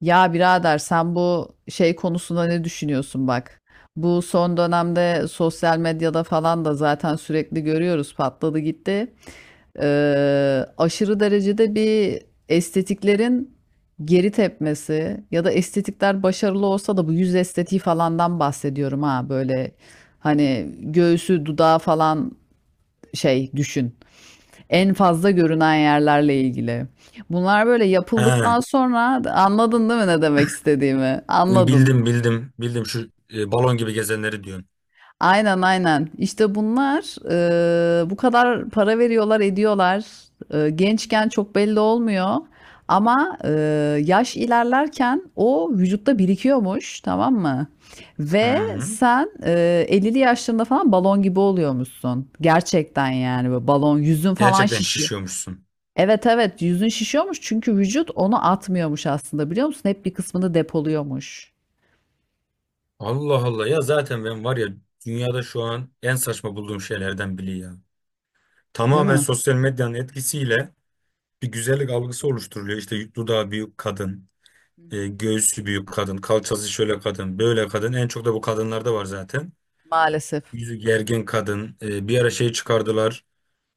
Ya birader, sen bu şey konusunda ne düşünüyorsun bak? Bu son dönemde sosyal medyada falan da zaten sürekli görüyoruz, patladı gitti. Aşırı derecede bir estetiklerin geri tepmesi ya da estetikler başarılı olsa da bu yüz estetiği falandan bahsediyorum, ha böyle, hani göğsü dudağı falan, şey düşün. En fazla görünen yerlerle ilgili. Bunlar böyle Ha, yapıldıktan sonra anladın değil mi ne demek istediğimi? Anladın. bildim bildim bildim şu balon gibi gezenleri diyorsun. Aynen aynen. İşte bunlar bu kadar para veriyorlar, ediyorlar. Gençken çok belli olmuyor. Ama yaş ilerlerken o vücutta birikiyormuş, tamam mı? Hı Ve hı. sen, e, 50'li yaşlarında falan balon gibi oluyormuşsun. Gerçekten yani böyle balon, yüzün falan Gerçekten şişiyor. şişiyormuşsun. Evet evet, yüzün şişiyormuş çünkü vücut onu atmıyormuş aslında, biliyor musun? Hep bir kısmını depoluyormuş. Allah Allah, ya zaten ben var ya, dünyada şu an en saçma bulduğum şeylerden biri ya. Değil Tamamen mi? sosyal medyanın etkisiyle bir güzellik algısı oluşturuluyor. İşte dudağı büyük kadın, Hı hı. göğsü büyük kadın, kalçası şöyle kadın, böyle kadın. En çok da bu kadınlarda var zaten. Maalesef. Yüzü gergin kadın. Bir ara şey çıkardılar.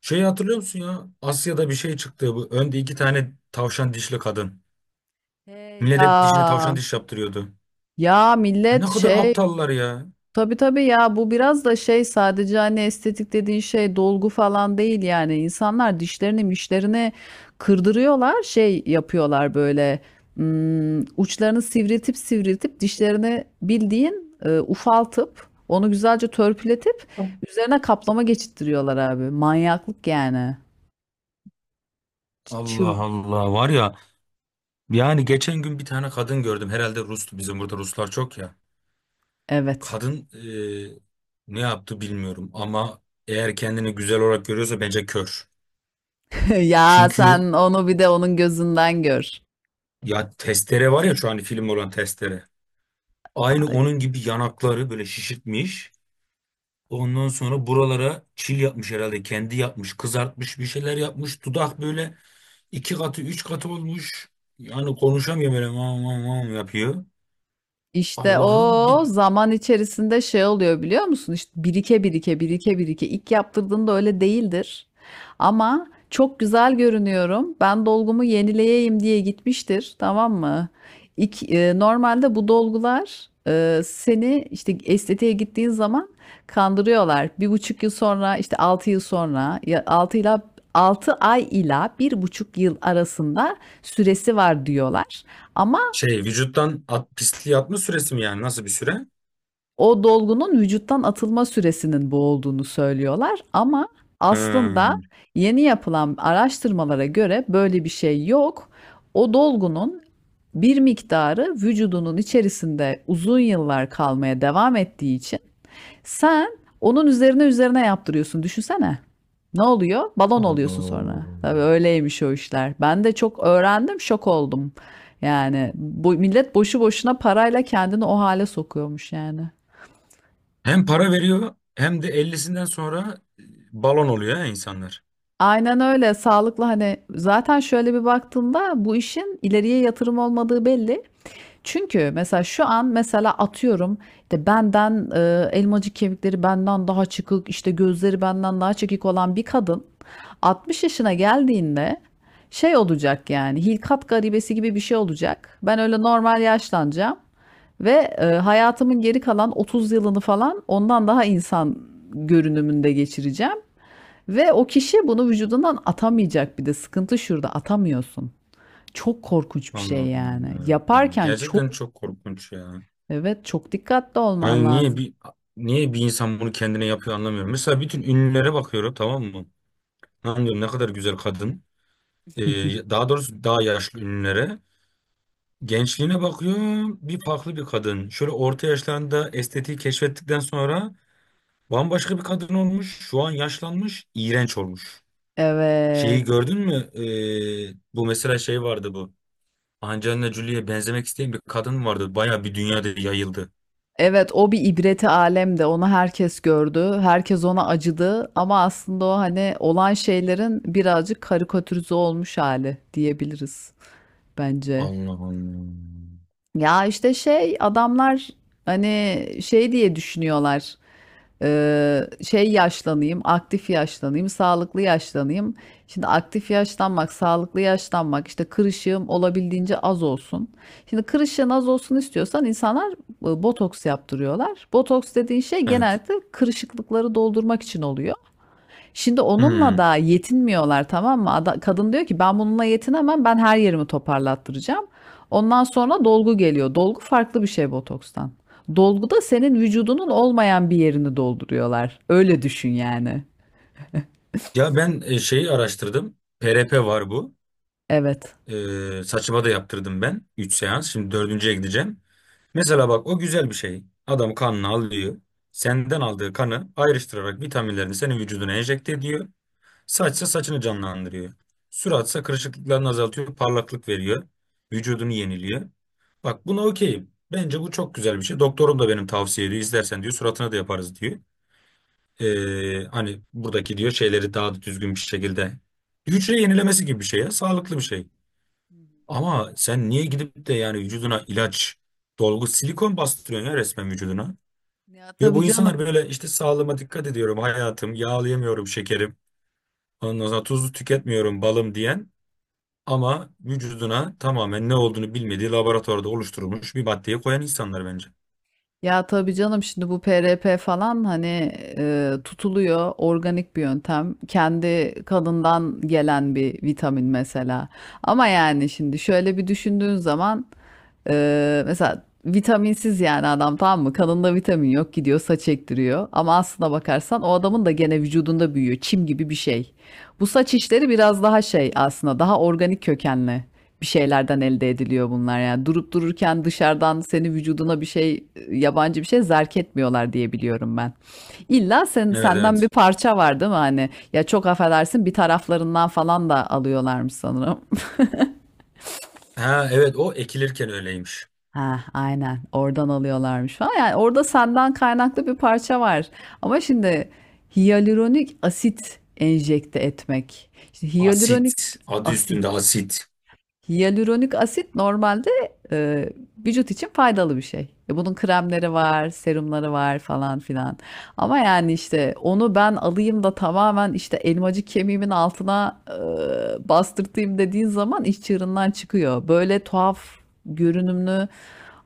Şeyi hatırlıyor musun ya? Asya'da bir şey çıktı. Bu önde iki tane tavşan dişli kadın. He ya. Millet dişini Ya tavşan diş yaptırıyordu. ya Ne millet kadar şey. aptallar ya. Tabii tabii, ya bu biraz da şey, sadece hani estetik dediğin şey dolgu falan değil, yani insanlar dişlerini mişlerini kırdırıyorlar, şey yapıyorlar böyle, uçlarını sivriltip sivriltip dişlerini bildiğin, ufaltıp onu güzelce törpületip üzerine kaplama geçittiriyorlar, abi manyaklık yani. Ç- çıl Allah Allah, var ya, yani geçen gün bir tane kadın gördüm, herhalde Rus'tu, bizim burada Ruslar çok ya. evet. Kadın, ne yaptı bilmiyorum, ama eğer kendini güzel olarak görüyorsa bence kör. Ya Çünkü sen onu bir de onun gözünden gör. ya, testere var ya, şu an film olan testere. Aynı onun gibi yanakları böyle şişirtmiş. Ondan sonra buralara çil yapmış herhalde. Kendi yapmış, kızartmış, bir şeyler yapmış. Dudak böyle iki katı, üç katı olmuş. Yani konuşamıyor, böyle mam mam mam yapıyor. İşte Allah'ım bir... o zaman içerisinde şey oluyor biliyor musun? İşte birike birike birike birike. İlk yaptırdığında öyle değildir. Ama çok güzel görünüyorum, ben dolgumu yenileyeyim diye gitmiştir, tamam mı? İlk, normalde bu dolgular, seni işte estetiğe gittiğin zaman kandırıyorlar. Bir buçuk yıl sonra işte altı yıl sonra, ya altı ila 6 ay ila bir buçuk yıl arasında süresi var diyorlar. Ama Şey, vücuttan at, pisliği atma süresi mi yani? Nasıl bir süre? o dolgunun vücuttan atılma süresinin bu olduğunu söylüyorlar, ama aslında Hmm. yeni yapılan araştırmalara göre böyle bir şey yok. O dolgunun bir miktarı vücudunun içerisinde uzun yıllar kalmaya devam ettiği için sen onun üzerine yaptırıyorsun. Düşünsene. Ne oluyor? Balon oluyorsun sonra. Abo. Tabii öyleymiş o işler. Ben de çok öğrendim, şok oldum. Yani bu millet boşu boşuna parayla kendini o hale sokuyormuş yani. Hem para veriyor, hem de 50'sinden sonra balon oluyor ya insanlar. Aynen öyle. Sağlıklı, hani zaten şöyle bir baktığında bu işin ileriye yatırım olmadığı belli. Çünkü mesela şu an, mesela atıyorum işte benden, elmacık kemikleri benden daha çıkık, işte gözleri benden daha çekik olan bir kadın 60 yaşına geldiğinde şey olacak yani, hilkat garibesi gibi bir şey olacak. Ben öyle normal yaşlanacağım ve, hayatımın geri kalan 30 yılını falan ondan daha insan görünümünde geçireceğim. Ve o kişi bunu vücudundan atamayacak, bir de sıkıntı şurada, atamıyorsun. Çok korkunç bir şey Allah'ım yani. yarabbim. Yaparken çok, Gerçekten çok korkunç ya. evet, çok dikkatli olman Yani niye lazım. bir niye bir insan bunu kendine yapıyor anlamıyorum. Mesela bütün ünlülere bakıyorum, tamam mı? Lan diyorum, ne kadar güzel kadın. Daha doğrusu daha yaşlı ünlülere. Gençliğine bakıyorum, bir farklı bir kadın. Şöyle orta yaşlarında estetiği keşfettikten sonra bambaşka bir kadın olmuş. Şu an yaşlanmış, iğrenç olmuş. Şeyi Evet. gördün mü? Bu mesela, şey vardı bu. Angelina Jolie'ye benzemek isteyen bir kadın vardı. Baya bir dünyada yayıldı. Evet, o bir ibreti alemde, onu herkes gördü. Herkes ona acıdı ama aslında o, hani olan şeylerin birazcık karikatürize olmuş hali diyebiliriz bence. Allah Allah. Ya işte şey adamlar, hani şey diye düşünüyorlar. Şey yaşlanayım, aktif yaşlanayım, sağlıklı yaşlanayım. Şimdi aktif yaşlanmak, sağlıklı yaşlanmak, işte kırışığım olabildiğince az olsun. Şimdi kırışığın az olsun istiyorsan insanlar, botoks yaptırıyorlar. Botoks dediğin şey Evet. genellikle kırışıklıkları doldurmak için oluyor. Şimdi onunla Hmm. da yetinmiyorlar, tamam mı? Ada- kadın diyor ki ben bununla yetinemem, ben her yerimi toparlattıracağım. Ondan sonra dolgu geliyor. Dolgu farklı bir şey botokstan. Dolguda senin vücudunun olmayan bir yerini dolduruyorlar. Öyle düşün yani. Ya ben, şeyi araştırdım. PRP var bu. Evet. Saçıma da yaptırdım ben. Üç seans. Şimdi dördüncüye gideceğim. Mesela bak, o güzel bir şey. Adam kanını alıyor. Senden aldığı kanı ayrıştırarak vitaminlerini senin vücuduna enjekte ediyor. Saçsa saçını canlandırıyor. Suratsa kırışıklıklarını azaltıyor. Parlaklık veriyor. Vücudunu yeniliyor. Bak, buna okeyim. Bence bu çok güzel bir şey. Doktorum da benim tavsiye ediyor. İstersen diyor, suratına da yaparız diyor. Hani buradaki diyor şeyleri daha da düzgün bir şekilde, hücre yenilemesi gibi bir şey ya, sağlıklı bir şey. Ama sen niye gidip de yani vücuduna ilaç, dolgu, silikon bastırıyorsun ya resmen vücuduna. Ya Ve tabii bu canım. insanlar böyle işte sağlığıma dikkat ediyorum hayatım, yağlayamıyorum şekerim, ondan sonra tuzlu tüketmiyorum balım diyen, ama vücuduna tamamen ne olduğunu bilmediği laboratuvarda oluşturulmuş bir maddeyi koyan insanlar bence. Ya tabii canım, şimdi bu PRP falan hani, tutuluyor, organik bir yöntem. Kendi kadından gelen bir vitamin mesela. Ama yani şimdi şöyle bir düşündüğün zaman, mesela vitaminsiz, yani adam, tamam mı? Kanında vitamin yok, gidiyor saç ektiriyor. Ama aslına bakarsan o adamın da gene vücudunda büyüyor. Çim gibi bir şey. Bu saç işleri biraz daha şey aslında, daha organik kökenli bir şeylerden elde ediliyor bunlar. Yani durup dururken dışarıdan senin vücuduna bir şey, yabancı bir şey zerk etmiyorlar diye biliyorum ben. İlla sen, Evet, senden bir evet. parça var değil mi? Hani ya, çok affedersin, bir taraflarından falan da alıyorlarmış sanırım. Ha evet, o ekilirken öyleymiş. Ha, aynen oradan alıyorlarmış falan. Yani orada senden kaynaklı bir parça var. Ama şimdi hyaluronik asit enjekte etmek. İşte hyaluronik Asit. Adı üstünde asit. asit. Hyaluronik asit normalde, e, vücut için faydalı bir şey. E, bunun kremleri var, serumları var falan filan. Ama yani işte onu ben alayım da tamamen işte elmacık kemiğimin altına, bastırtayım dediğin zaman iş çığırından çıkıyor. Böyle tuhaf görünümlü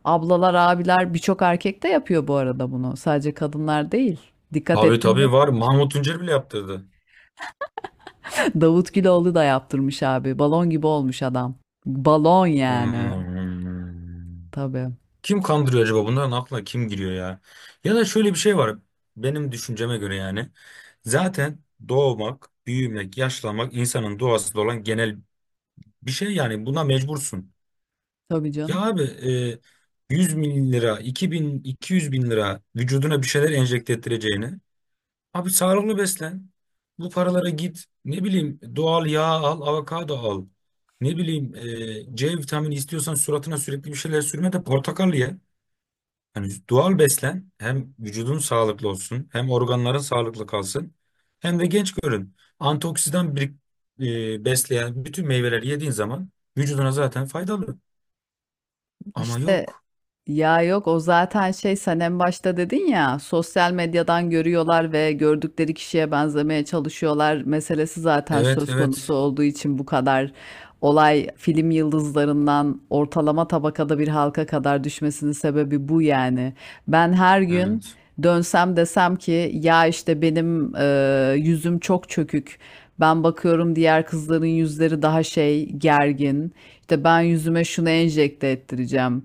ablalar, abiler, birçok erkek de yapıyor bu arada bunu. Sadece kadınlar değil. Dikkat Tabii ettin mi? tabii var. Mahmut Tuncer bile yaptırdı. Davut Güloğlu da yaptırmış abi. Balon gibi olmuş adam. Balon yani. Hmm. Tabii. Kim kandırıyor acaba? Bunların aklına kim giriyor ya? Ya da şöyle bir şey var. Benim düşünceme göre yani. Zaten doğmak, büyümek, yaşlanmak insanın doğasında olan genel bir şey yani. Buna mecbursun. Tabii Ya canım. abi, 100 bin lira, 2000, 200 bin lira vücuduna bir şeyler enjekte ettireceğini... Abi, sağlıklı beslen. Bu paralara git. Ne bileyim, doğal yağ al, avokado al. Ne bileyim, C vitamini istiyorsan suratına sürekli bir şeyler sürme de portakal ye. Yani doğal beslen. Hem vücudun sağlıklı olsun, hem organların sağlıklı kalsın, hem de genç görün. Antioksidan, besleyen bütün meyveleri yediğin zaman vücuduna zaten faydalı. Ama İşte yok. ya yok, o zaten şey, sen en başta dedin ya, sosyal medyadan görüyorlar ve gördükleri kişiye benzemeye çalışıyorlar meselesi zaten Evet, söz konusu evet. olduğu için bu kadar olay film yıldızlarından ortalama tabakada bir halka kadar düşmesinin sebebi bu yani. Ben her gün Evet. dönsem desem ki ya işte benim, yüzüm çok çökük. Ben bakıyorum diğer kızların yüzleri daha şey gergin. İşte ben yüzüme şunu enjekte ettireceğim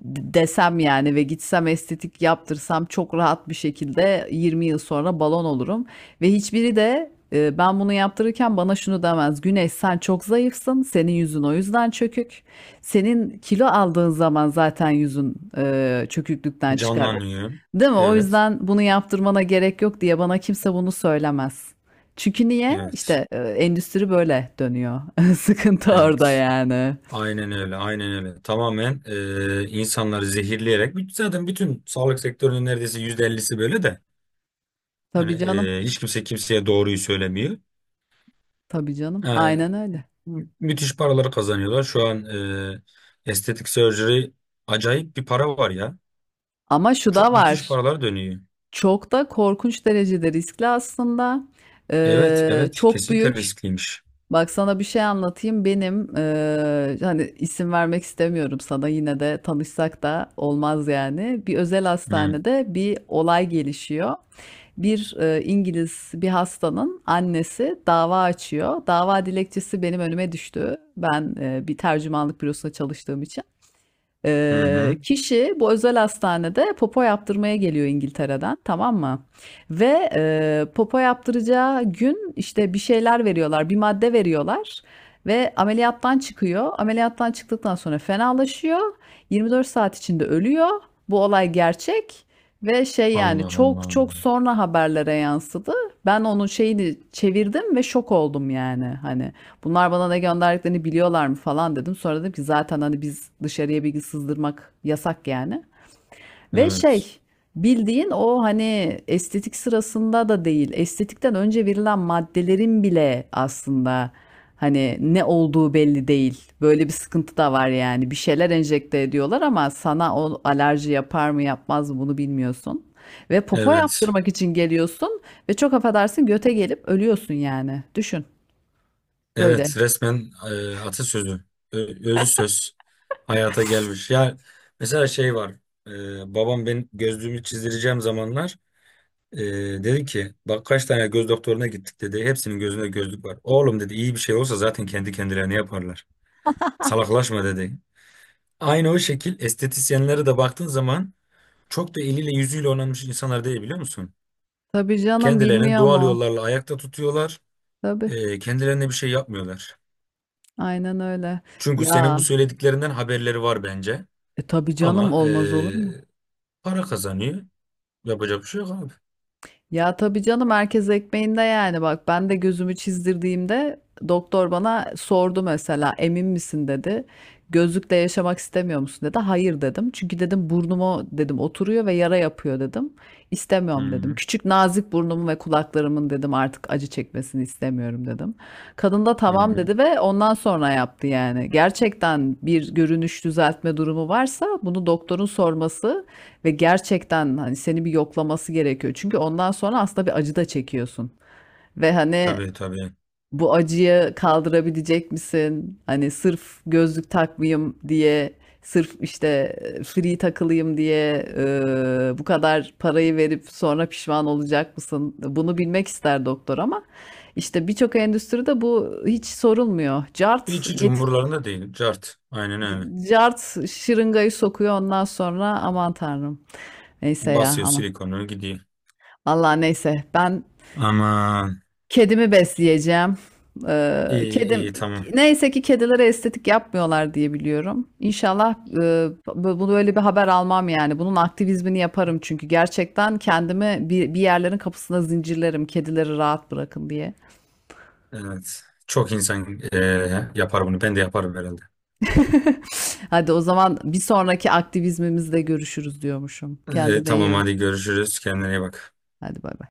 desem yani ve gitsem estetik yaptırsam çok rahat bir şekilde 20 yıl sonra balon olurum. Ve hiçbiri de, ben bunu yaptırırken bana şunu demez. Güneş, sen çok zayıfsın. Senin yüzün o yüzden çökük. Senin kilo aldığın zaman zaten yüzün, çöküklükten çıkar. Canlanıyor. Değil mi? O Evet, yüzden bunu yaptırmana gerek yok diye bana kimse bunu söylemez. Çünkü niye? evet, İşte, endüstri böyle dönüyor. Sıkıntı orada evet. yani. Aynen öyle, aynen öyle. Tamamen insanları zehirleyerek, zaten bütün sağlık sektörünün neredeyse %50'si böyle de. Hani, Tabii canım. Hiç kimse kimseye doğruyu söylemiyor. Tabii canım. E, Aynen öyle. müthiş paraları kazanıyorlar. Şu an e, estetik surgery acayip bir para var ya. Ama şu da Çok müthiş var. paralar dönüyor. Çok da korkunç derecede riskli aslında. Evet, evet, Çok kesinlikle büyük. riskliymiş. Bak sana bir şey anlatayım. Benim, hani isim vermek istemiyorum sana, yine de tanışsak da olmaz yani. Bir özel Hı, hastanede bir olay gelişiyor. Bir İngiliz bir hastanın annesi dava açıyor. Dava dilekçesi benim önüme düştü. Ben, bir tercümanlık bürosunda çalıştığım için. hı, hı. Kişi bu özel hastanede popo yaptırmaya geliyor İngiltere'den, tamam mı? Ve, popo yaptıracağı gün işte bir şeyler veriyorlar, bir madde veriyorlar ve ameliyattan çıkıyor. Ameliyattan çıktıktan sonra fenalaşıyor. 24 saat içinde ölüyor. Bu olay gerçek ve şey yani, Allah çok Allah. çok sonra haberlere yansıdı. Ben onun şeyini çevirdim ve şok oldum yani hani. Bunlar bana ne gönderdiklerini biliyorlar mı falan dedim. Sonra dedim ki zaten hani biz dışarıya bilgi sızdırmak yasak yani. Ve Evet, şey, bildiğin o hani estetik sırasında da değil. Estetikten önce verilen maddelerin bile aslında hani ne olduğu belli değil. Böyle bir sıkıntı da var yani. Bir şeyler enjekte ediyorlar ama sana o alerji yapar mı yapmaz mı bunu bilmiyorsun. Ve popo evet. yaptırmak için geliyorsun ve çok affedersin, göte gelip ölüyorsun yani. Düşün böyle. Evet, resmen e, atasözü, özü söz hayata gelmiş. Ya mesela şey var, babam ben gözlüğümü çizdireceğim zamanlar e, dedi ki, bak kaç tane göz doktoruna gittik dedi. Hepsinin gözünde gözlük var. Oğlum dedi, iyi bir şey olsa zaten kendi kendilerine yaparlar. Salaklaşma dedi. Aynı o şekil estetisyenlere de baktığın zaman çok da eliyle yüzüyle oynanmış insanlar değil, biliyor musun? Tabii canım, Kendilerini bilmiyor doğal mu? yollarla ayakta tutuyorlar. Tabii. Kendilerine bir şey yapmıyorlar. Aynen öyle. Çünkü senin bu Ya, söylediklerinden haberleri var bence. Tabii canım, Ama, olmaz olur mu? Para kazanıyor. Yapacak bir şey yok abi. Ya tabii canım, herkes ekmeğinde yani. Bak ben de gözümü çizdirdiğimde doktor bana sordu mesela, emin misin dedi. Gözlükle yaşamak istemiyor musun dedi. Hayır dedim. Çünkü dedim burnumu dedim oturuyor ve yara yapıyor dedim. Hı İstemiyorum dedim. hı. Küçük nazik burnumun ve kulaklarımın dedim artık acı çekmesini istemiyorum dedim. Kadın da Hı tamam hı. dedi ve ondan sonra yaptı yani. Gerçekten bir görünüş düzeltme durumu varsa bunu doktorun sorması ve gerçekten hani seni bir yoklaması gerekiyor. Çünkü ondan sonra aslında bir acı da çekiyorsun. Ve hani Tabii tabii. bu acıyı kaldırabilecek misin? Hani sırf gözlük takmayayım diye, sırf işte free takılayım diye, bu kadar parayı verip sonra pişman olacak mısın? Bunu bilmek ister doktor ama işte birçok endüstride bu hiç sorulmuyor. Cart Hiç hiç get, umurlarında değil. Cart. Aynen öyle. cart şırıngayı sokuyor ondan sonra, aman tanrım. Neyse ya, Basıyor aman. silikonu gidiyor. Allah, neyse ben Aman. kedimi besleyeceğim. İyi Kedim iyi tamam. neyse ki kedilere estetik yapmıyorlar diye biliyorum. İnşallah, bunu böyle bir haber almam yani. Bunun aktivizmini yaparım çünkü gerçekten kendimi bir yerlerin kapısına zincirlerim, kedileri rahat bırakın diye. Evet. Çok insan, yapar bunu. Ben de yaparım herhalde. Hadi o zaman bir sonraki aktivizmimizde görüşürüz diyormuşum. Eee, Kendine iyi tamam bak. hadi görüşürüz. Kendine iyi bak. Hadi bay bay.